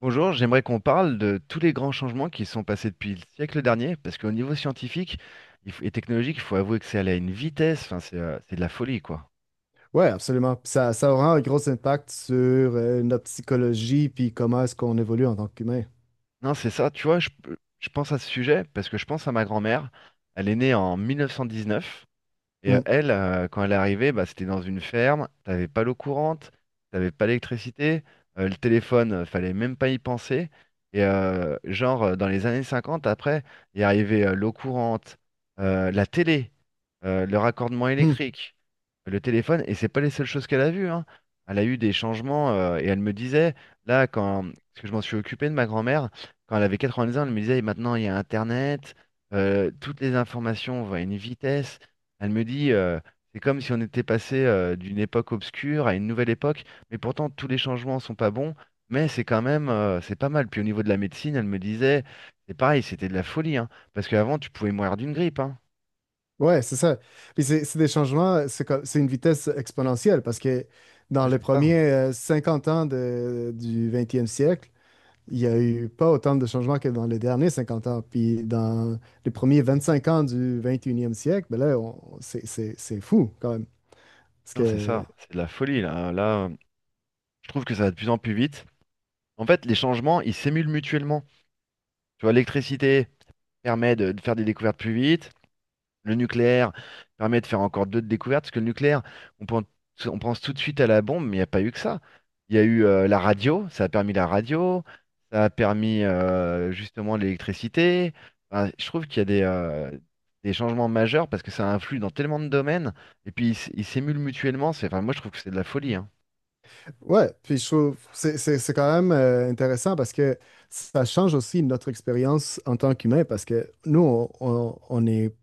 Bonjour, j'aimerais qu'on parle de tous les grands changements qui sont passés depuis le siècle dernier, parce qu'au niveau scientifique et technologique, il faut avouer que c'est allé à une vitesse, enfin, c'est de la folie, quoi. Ouais, absolument. Puis ça aura un gros impact sur notre psychologie, puis comment est-ce qu'on évolue en tant qu'humain. Non, c'est ça, tu vois, je pense à ce sujet parce que je pense à ma grand-mère. Elle est née en 1919. Et Mm. Quand elle est arrivée, bah, c'était dans une ferme, t'avais pas l'eau courante, t'avais pas l'électricité, le téléphone, fallait même pas y penser. Et genre, dans les années 50, après, il est arrivé l'eau courante, la télé, le raccordement Mm. électrique. Le téléphone, et c'est pas les seules choses qu'elle a vues, hein. Elle a eu des changements et elle me disait, là, quand, parce que je m'en suis occupé de ma grand-mère, quand elle avait 90 ans, elle me disait, maintenant il y a Internet, toutes les informations vont à une vitesse. Elle me dit, c'est comme si on était passé d'une époque obscure à une nouvelle époque, mais pourtant tous les changements sont pas bons, mais c'est quand même, c'est pas mal. Puis au niveau de la médecine, elle me disait, c'est pareil, c'était de la folie, hein, parce qu'avant tu pouvais mourir d'une grippe, hein. Ouais, c'est ça. Puis c'est des changements, c'est une vitesse exponentielle parce que dans Ah, les c'est premiers ça. 50 ans du 20e siècle, il n'y a eu pas autant de changements que dans les derniers 50 ans. Puis dans les premiers 25 ans du 21e siècle, ben là, c'est fou quand même. Non, c'est ça, c'est de la folie là, hein. Là, je trouve que ça va de plus en plus vite. En fait, les changements, ils s'émulent mutuellement. Tu vois, l'électricité permet de faire des découvertes plus vite. Le nucléaire permet de faire encore d'autres découvertes. Parce que le nucléaire, on pense, on pense tout de suite à la bombe, mais il n'y a pas eu que ça. Il y a eu la radio, ça a permis la radio, ça a permis justement l'électricité. Enfin, je trouve qu'il y a des changements majeurs parce que ça influe dans tellement de domaines. Et puis, ils s'émulent mutuellement. C'est, enfin, moi, je trouve que c'est de la folie, hein. Ouais, puis je trouve c'est quand même intéressant parce que ça change aussi notre expérience en tant qu'humain parce que nous on est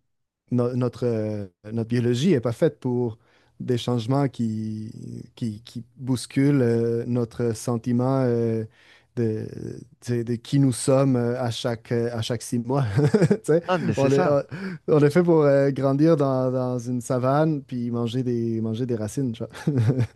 notre notre biologie est pas faite pour des changements qui bousculent notre sentiment de, de qui nous sommes à chaque 6 mois. Tu sais, Ah, mais c'est on est ça. on, on est fait pour grandir dans une savane puis manger des racines, tu vois.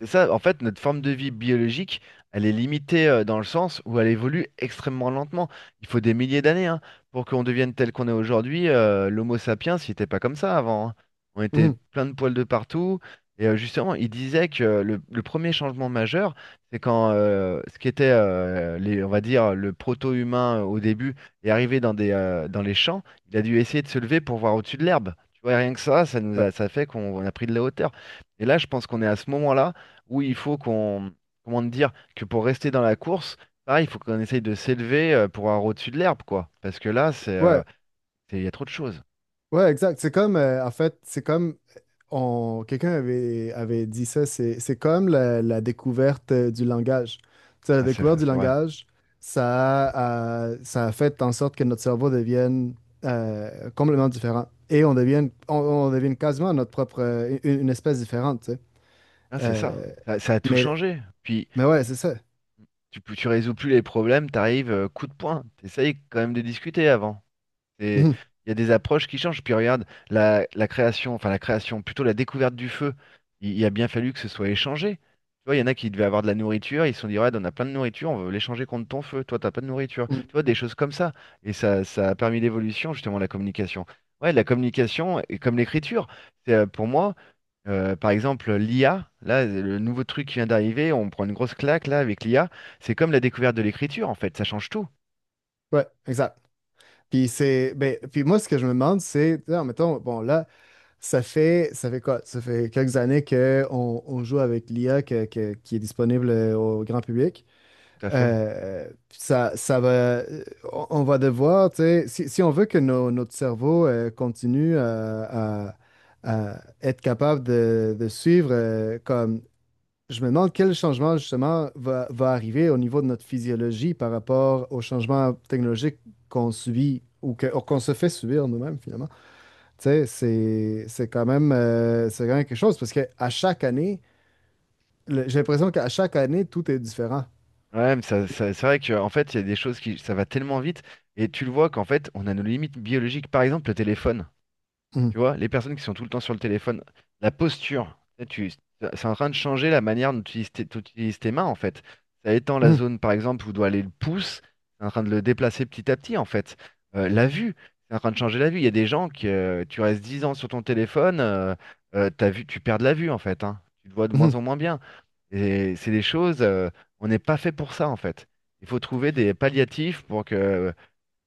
C'est ça, en fait, notre forme de vie biologique, elle est limitée dans le sens où elle évolue extrêmement lentement. Il faut des milliers d'années hein, pour qu'on devienne tel qu'on est aujourd'hui. L'Homo sapiens, il n'était pas comme ça avant, hein. On était Mhm. plein de poils de partout. Et justement, il disait que le premier changement majeur, c'est quand ce qui était, les, on va dire, le proto-humain au début est arrivé dans les champs, il a dû essayer de se lever pour voir au-dessus de l'herbe. Tu vois, rien que ça, Ouais. Ça fait qu'on on a pris de la hauteur. Et là, je pense qu'on est à ce moment-là où il faut qu'on, comment te dire, que pour rester dans la course, pareil, il faut qu'on essaye de s'élever pour avoir au-dessus de l'herbe, quoi. Parce que là, Ouais. Il y a trop de choses. Ouais, exact. C'est comme, en fait, quelqu'un avait dit ça, c'est comme la découverte du langage. Tu sais, la Ah, c'est découverte du c'est vrai. langage, ça a fait en sorte que notre cerveau devienne complètement différent et on devienne, on devienne quasiment notre propre, une espèce différente, tu sais. Ah, c'est ça. Euh, Ça a tout mais, changé. Puis mais ouais, c'est ça. Tu résous plus les problèmes, t'arrives, coup de poing. T'essayes quand même de discuter avant. C'est- Mhm. Il y a des approches qui changent. Puis regarde, la création, enfin la création, plutôt la découverte du feu, il a bien fallu que ce soit échangé. Tu vois, il y en a qui devaient avoir de la nourriture, ils se sont dit, ouais, on a plein de nourriture, on veut l'échanger contre ton feu, toi, t'as pas de nourriture. Mhm. Tu vois, des choses comme ça. Et ça, ça a permis l'évolution, justement, de la communication. Ouais, la communication, et comme l'écriture, c'est pour moi, par exemple, l'IA, là, le nouveau truc qui vient d'arriver, on prend une grosse claque, là, avec l'IA, c'est comme la découverte de l'écriture, en fait, ça change tout. Ouais, exact. Puis ben, puis moi, ce que je me demande, c'est, mettons, bon, là, ça fait quoi? Ça fait quelques années qu'on on joue avec l'IA qui est disponible au grand public. Tout à fait. Ça, ça va, euh, on va devoir, tu sais, si on veut que notre cerveau continue à être capable de suivre, comme je me demande quel changement justement va arriver au niveau de notre physiologie par rapport aux changements technologiques qu'on subit ou ou qu'on se fait subir nous-mêmes finalement. Tu sais, c'est quand même, c'est quand même quelque chose parce que à chaque année, j'ai l'impression qu'à chaque année, tout est différent. Ouais, mais c'est vrai que en fait, il y a des choses qui, ça va tellement vite, et tu le vois qu'en fait, on a nos limites biologiques. Par exemple, le téléphone, tu Mhm. vois, les personnes qui sont tout le temps sur le téléphone, la posture, tu tu- c'est en train de changer la manière dont tu utilises tes, dont tu utilises tes mains, en fait. Ça étend la Mhm. zone, par exemple, où doit aller le pouce, c'est en train de le déplacer petit à petit, en fait. La vue, c'est en train de changer la vue. Il y a des gens qui, tu restes 10 ans sur ton téléphone, ta vue, tu perds de la vue, en fait, hein. Tu te vois de moins Mhm. en moins bien. Et c'est des choses, on n'est pas fait pour ça en fait. Il faut trouver des palliatifs pour que,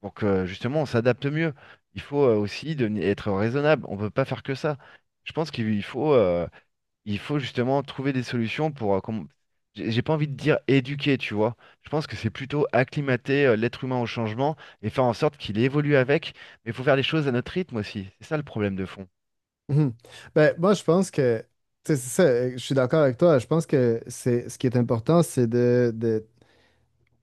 justement on s'adapte mieux. Il faut aussi être raisonnable. On ne peut pas faire que ça. Je pense qu'il faut justement trouver des solutions. J'ai pas envie de dire éduquer, tu vois. Je pense que c'est plutôt acclimater l'être humain au changement et faire en sorte qu'il évolue avec. Mais il faut faire les choses à notre rythme aussi. C'est ça le problème de fond. Mhm. Ben, moi, je pense que, tu sais, c'est ça, je suis d'accord avec toi. Je pense que c'est ce qui est important, c'est de,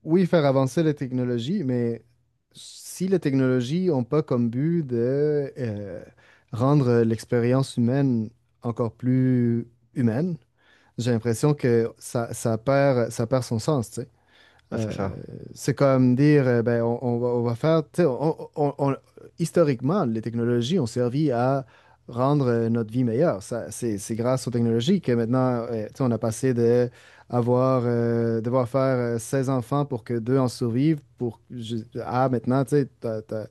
oui, faire avancer les technologies, mais si les technologies n'ont pas comme but de rendre l'expérience humaine encore plus humaine, j'ai l'impression que ça, ça perd son sens, tu sais. Ah, c'est Euh, ça. c'est comme dire, ben, on va faire, tu sais, historiquement, les technologies ont servi à rendre notre vie meilleure. Ça, c'est grâce aux technologies que maintenant, tu sais, on a passé de avoir, devoir faire 16 enfants pour que deux en survivent, pour, à maintenant, tu sais,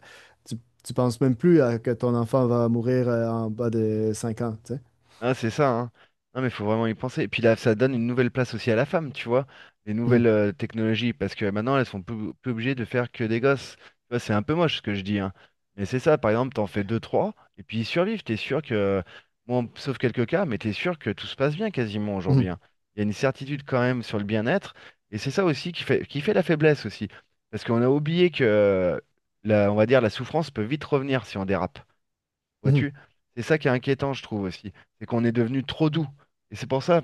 tu, tu penses même plus à que ton enfant va mourir en bas de 5 ans, tu sais. Ah, c'est ça, hein. Non, mais faut vraiment y penser. Et puis là, ça donne une nouvelle place aussi à la femme, tu vois, les nouvelles technologies, parce que maintenant, elles sont plus obligées de faire que des gosses. Tu vois, c'est un peu moche ce que je dis, hein. Mais c'est ça, par exemple, t'en fais deux, trois, et puis ils survivent. T'es sûr que, bon, sauf quelques cas, mais t'es sûr que tout se passe bien quasiment Mhm, aujourd'hui, mhm, hein. Il y a une certitude quand même sur le bien-être, et c'est ça aussi qui fait la faiblesse aussi, parce qu'on a oublié que, la, on va dire, la souffrance peut vite revenir si on dérape. mhm. Vois-tu? C'est ça qui est inquiétant, je trouve aussi. C'est qu'on est devenu trop doux. Et c'est pour ça,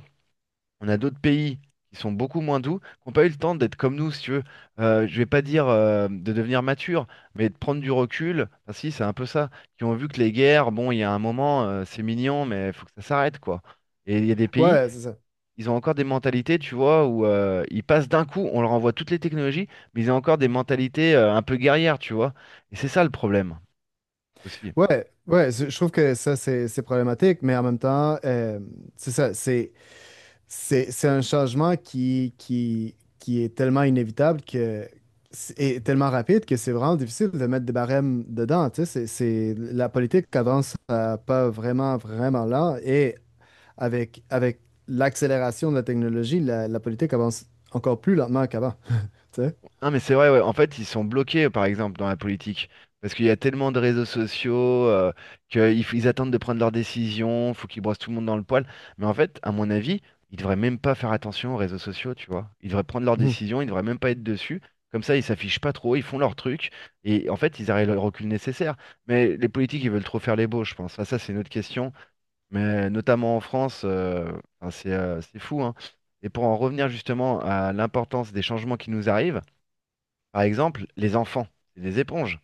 on a d'autres pays qui sont beaucoup moins doux, qui n'ont pas eu le temps d'être comme nous, si tu veux. Je vais pas dire de devenir mature, mais de prendre du recul. Enfin, si, c'est un peu ça. Qui ont vu que les guerres, bon, il y a un moment, c'est mignon, mais il faut que ça s'arrête, quoi. Et il y a des pays, Ouais, c'est ça. ils ont encore des mentalités, tu vois, où ils passent d'un coup, on leur envoie toutes les technologies, mais ils ont encore des mentalités un peu guerrières, tu vois. Et c'est ça le problème aussi. Ouais, ouais, je trouve que ça, c'est problématique, mais en même temps, c'est ça, c'est un changement qui est tellement inévitable que, et tellement rapide que c'est vraiment difficile de mettre des barèmes dedans, tu sais, la politique avance à pas vraiment, vraiment lent, et avec l'accélération de la technologie, la politique avance encore plus lentement qu'avant, tu sais. Non, mais c'est vrai, ouais. En fait, ils sont bloqués, par exemple, dans la politique. Parce qu'il y a tellement de réseaux sociaux euh, qu'ils f- ils attendent de prendre leurs décisions, faut qu'ils brossent tout le monde dans le poil. Mais en fait, à mon avis, ils devraient même pas faire attention aux réseaux sociaux, tu vois. Ils devraient prendre leurs décisions, ils devraient même pas être dessus. Comme ça, ils s'affichent pas trop, ils font leur truc. Et en fait, ils arrivent au recul nécessaire. Mais les politiques, ils veulent trop faire les beaux, je pense. Ah, ça, c'est une autre question. Mais notamment en France, enfin, c'est fou, hein. Et pour en revenir justement à l'importance des changements qui nous arrivent, par exemple, les enfants, c'est des éponges.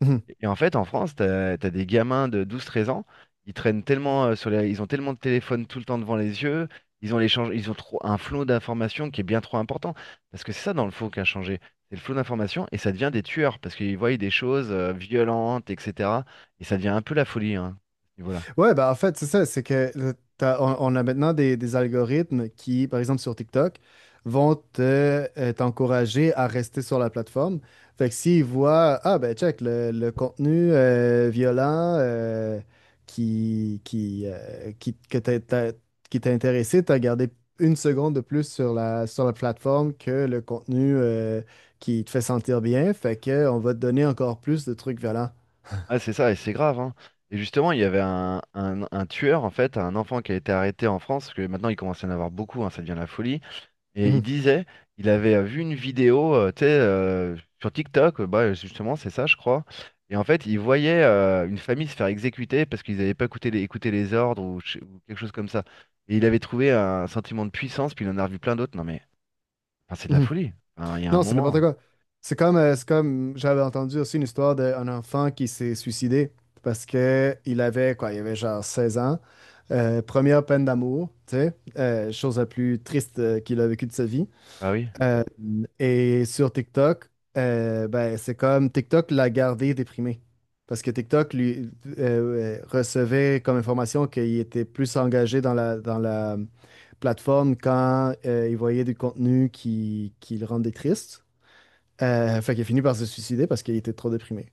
Mhm. Et en fait, en France, t'as des gamins de 12, 13 ans, ils traînent tellement ils ont tellement de téléphones tout le temps devant les yeux, ils ont l'échange, ils ont trop un flot d'informations qui est bien trop important. Parce que c'est ça dans le faux qui a changé. C'est le flot d'informations et ça devient des tueurs parce qu'ils voient des choses violentes, etc. Et ça devient un peu la folie, hein, à ce niveau-là. Ouais, bah en fait, c'est ça, c'est que on a maintenant des algorithmes qui, par exemple sur TikTok, vont t'encourager à rester sur la plateforme. Fait que s'ils voient, ah ben check, le contenu violent que qui t'a intéressé, t'as gardé une seconde de plus sur sur la plateforme que le contenu qui te fait sentir bien. Fait que on va te donner encore plus de trucs violents. Ah, c'est ça, et c'est grave, hein. Et justement, il y avait un tueur, en fait, un enfant qui a été arrêté en France, parce que maintenant il commence à y en avoir beaucoup, hein, ça devient la folie. Et il Mhm, disait, il avait vu une vidéo, tu sais, sur TikTok, bah, justement, c'est ça, je crois. Et en fait, il voyait une famille se faire exécuter parce qu'ils n'avaient pas écouté les ordres ou quelque chose comme ça. Et il avait trouvé un sentiment de puissance, puis il en a revu plein d'autres. Non mais, enfin, c'est de la mhm. folie. Enfin, il y a un Non, c'est n'importe moment. quoi. C'est comme j'avais entendu aussi une histoire d'un enfant qui s'est suicidé parce que il avait quoi, il avait genre 16 ans. Première peine d'amour, tu sais, chose la plus triste qu'il a vécue de sa vie. Ah oui. Euh, et sur TikTok, ben, c'est comme TikTok l'a gardé déprimé. Parce que TikTok lui recevait comme information qu'il était plus engagé dans dans la plateforme quand il voyait du contenu qui le rendait triste. Fait qu'il a fini par se suicider parce qu'il était trop déprimé.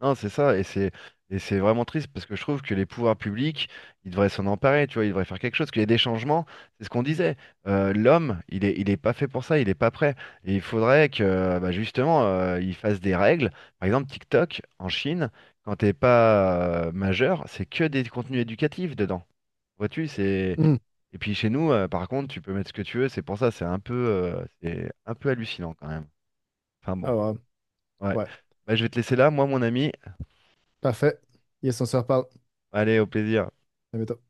Non, c'est ça, et c'est vraiment triste parce que je trouve que les pouvoirs publics, ils devraient s'en emparer, tu vois, ils devraient faire quelque chose, qu'il y ait des changements, c'est ce qu'on disait. L'homme, il est pas fait pour ça, il est pas prêt. Et il faudrait que bah, justement, il fasse des règles. Par exemple, TikTok, en Chine, quand t'es pas majeur, c'est que des contenus éducatifs dedans. Vois-tu, c'est. Hmm. Et puis chez nous, par contre, tu peux mettre ce que tu veux, c'est pour ça, c'est un peu hallucinant quand même. Enfin bon, Ah ouais. ouais. Ouais. Bah, je vais te laisser là, moi mon ami. Parfait. Yes, on se reparle. Allez, au plaisir. À bientôt.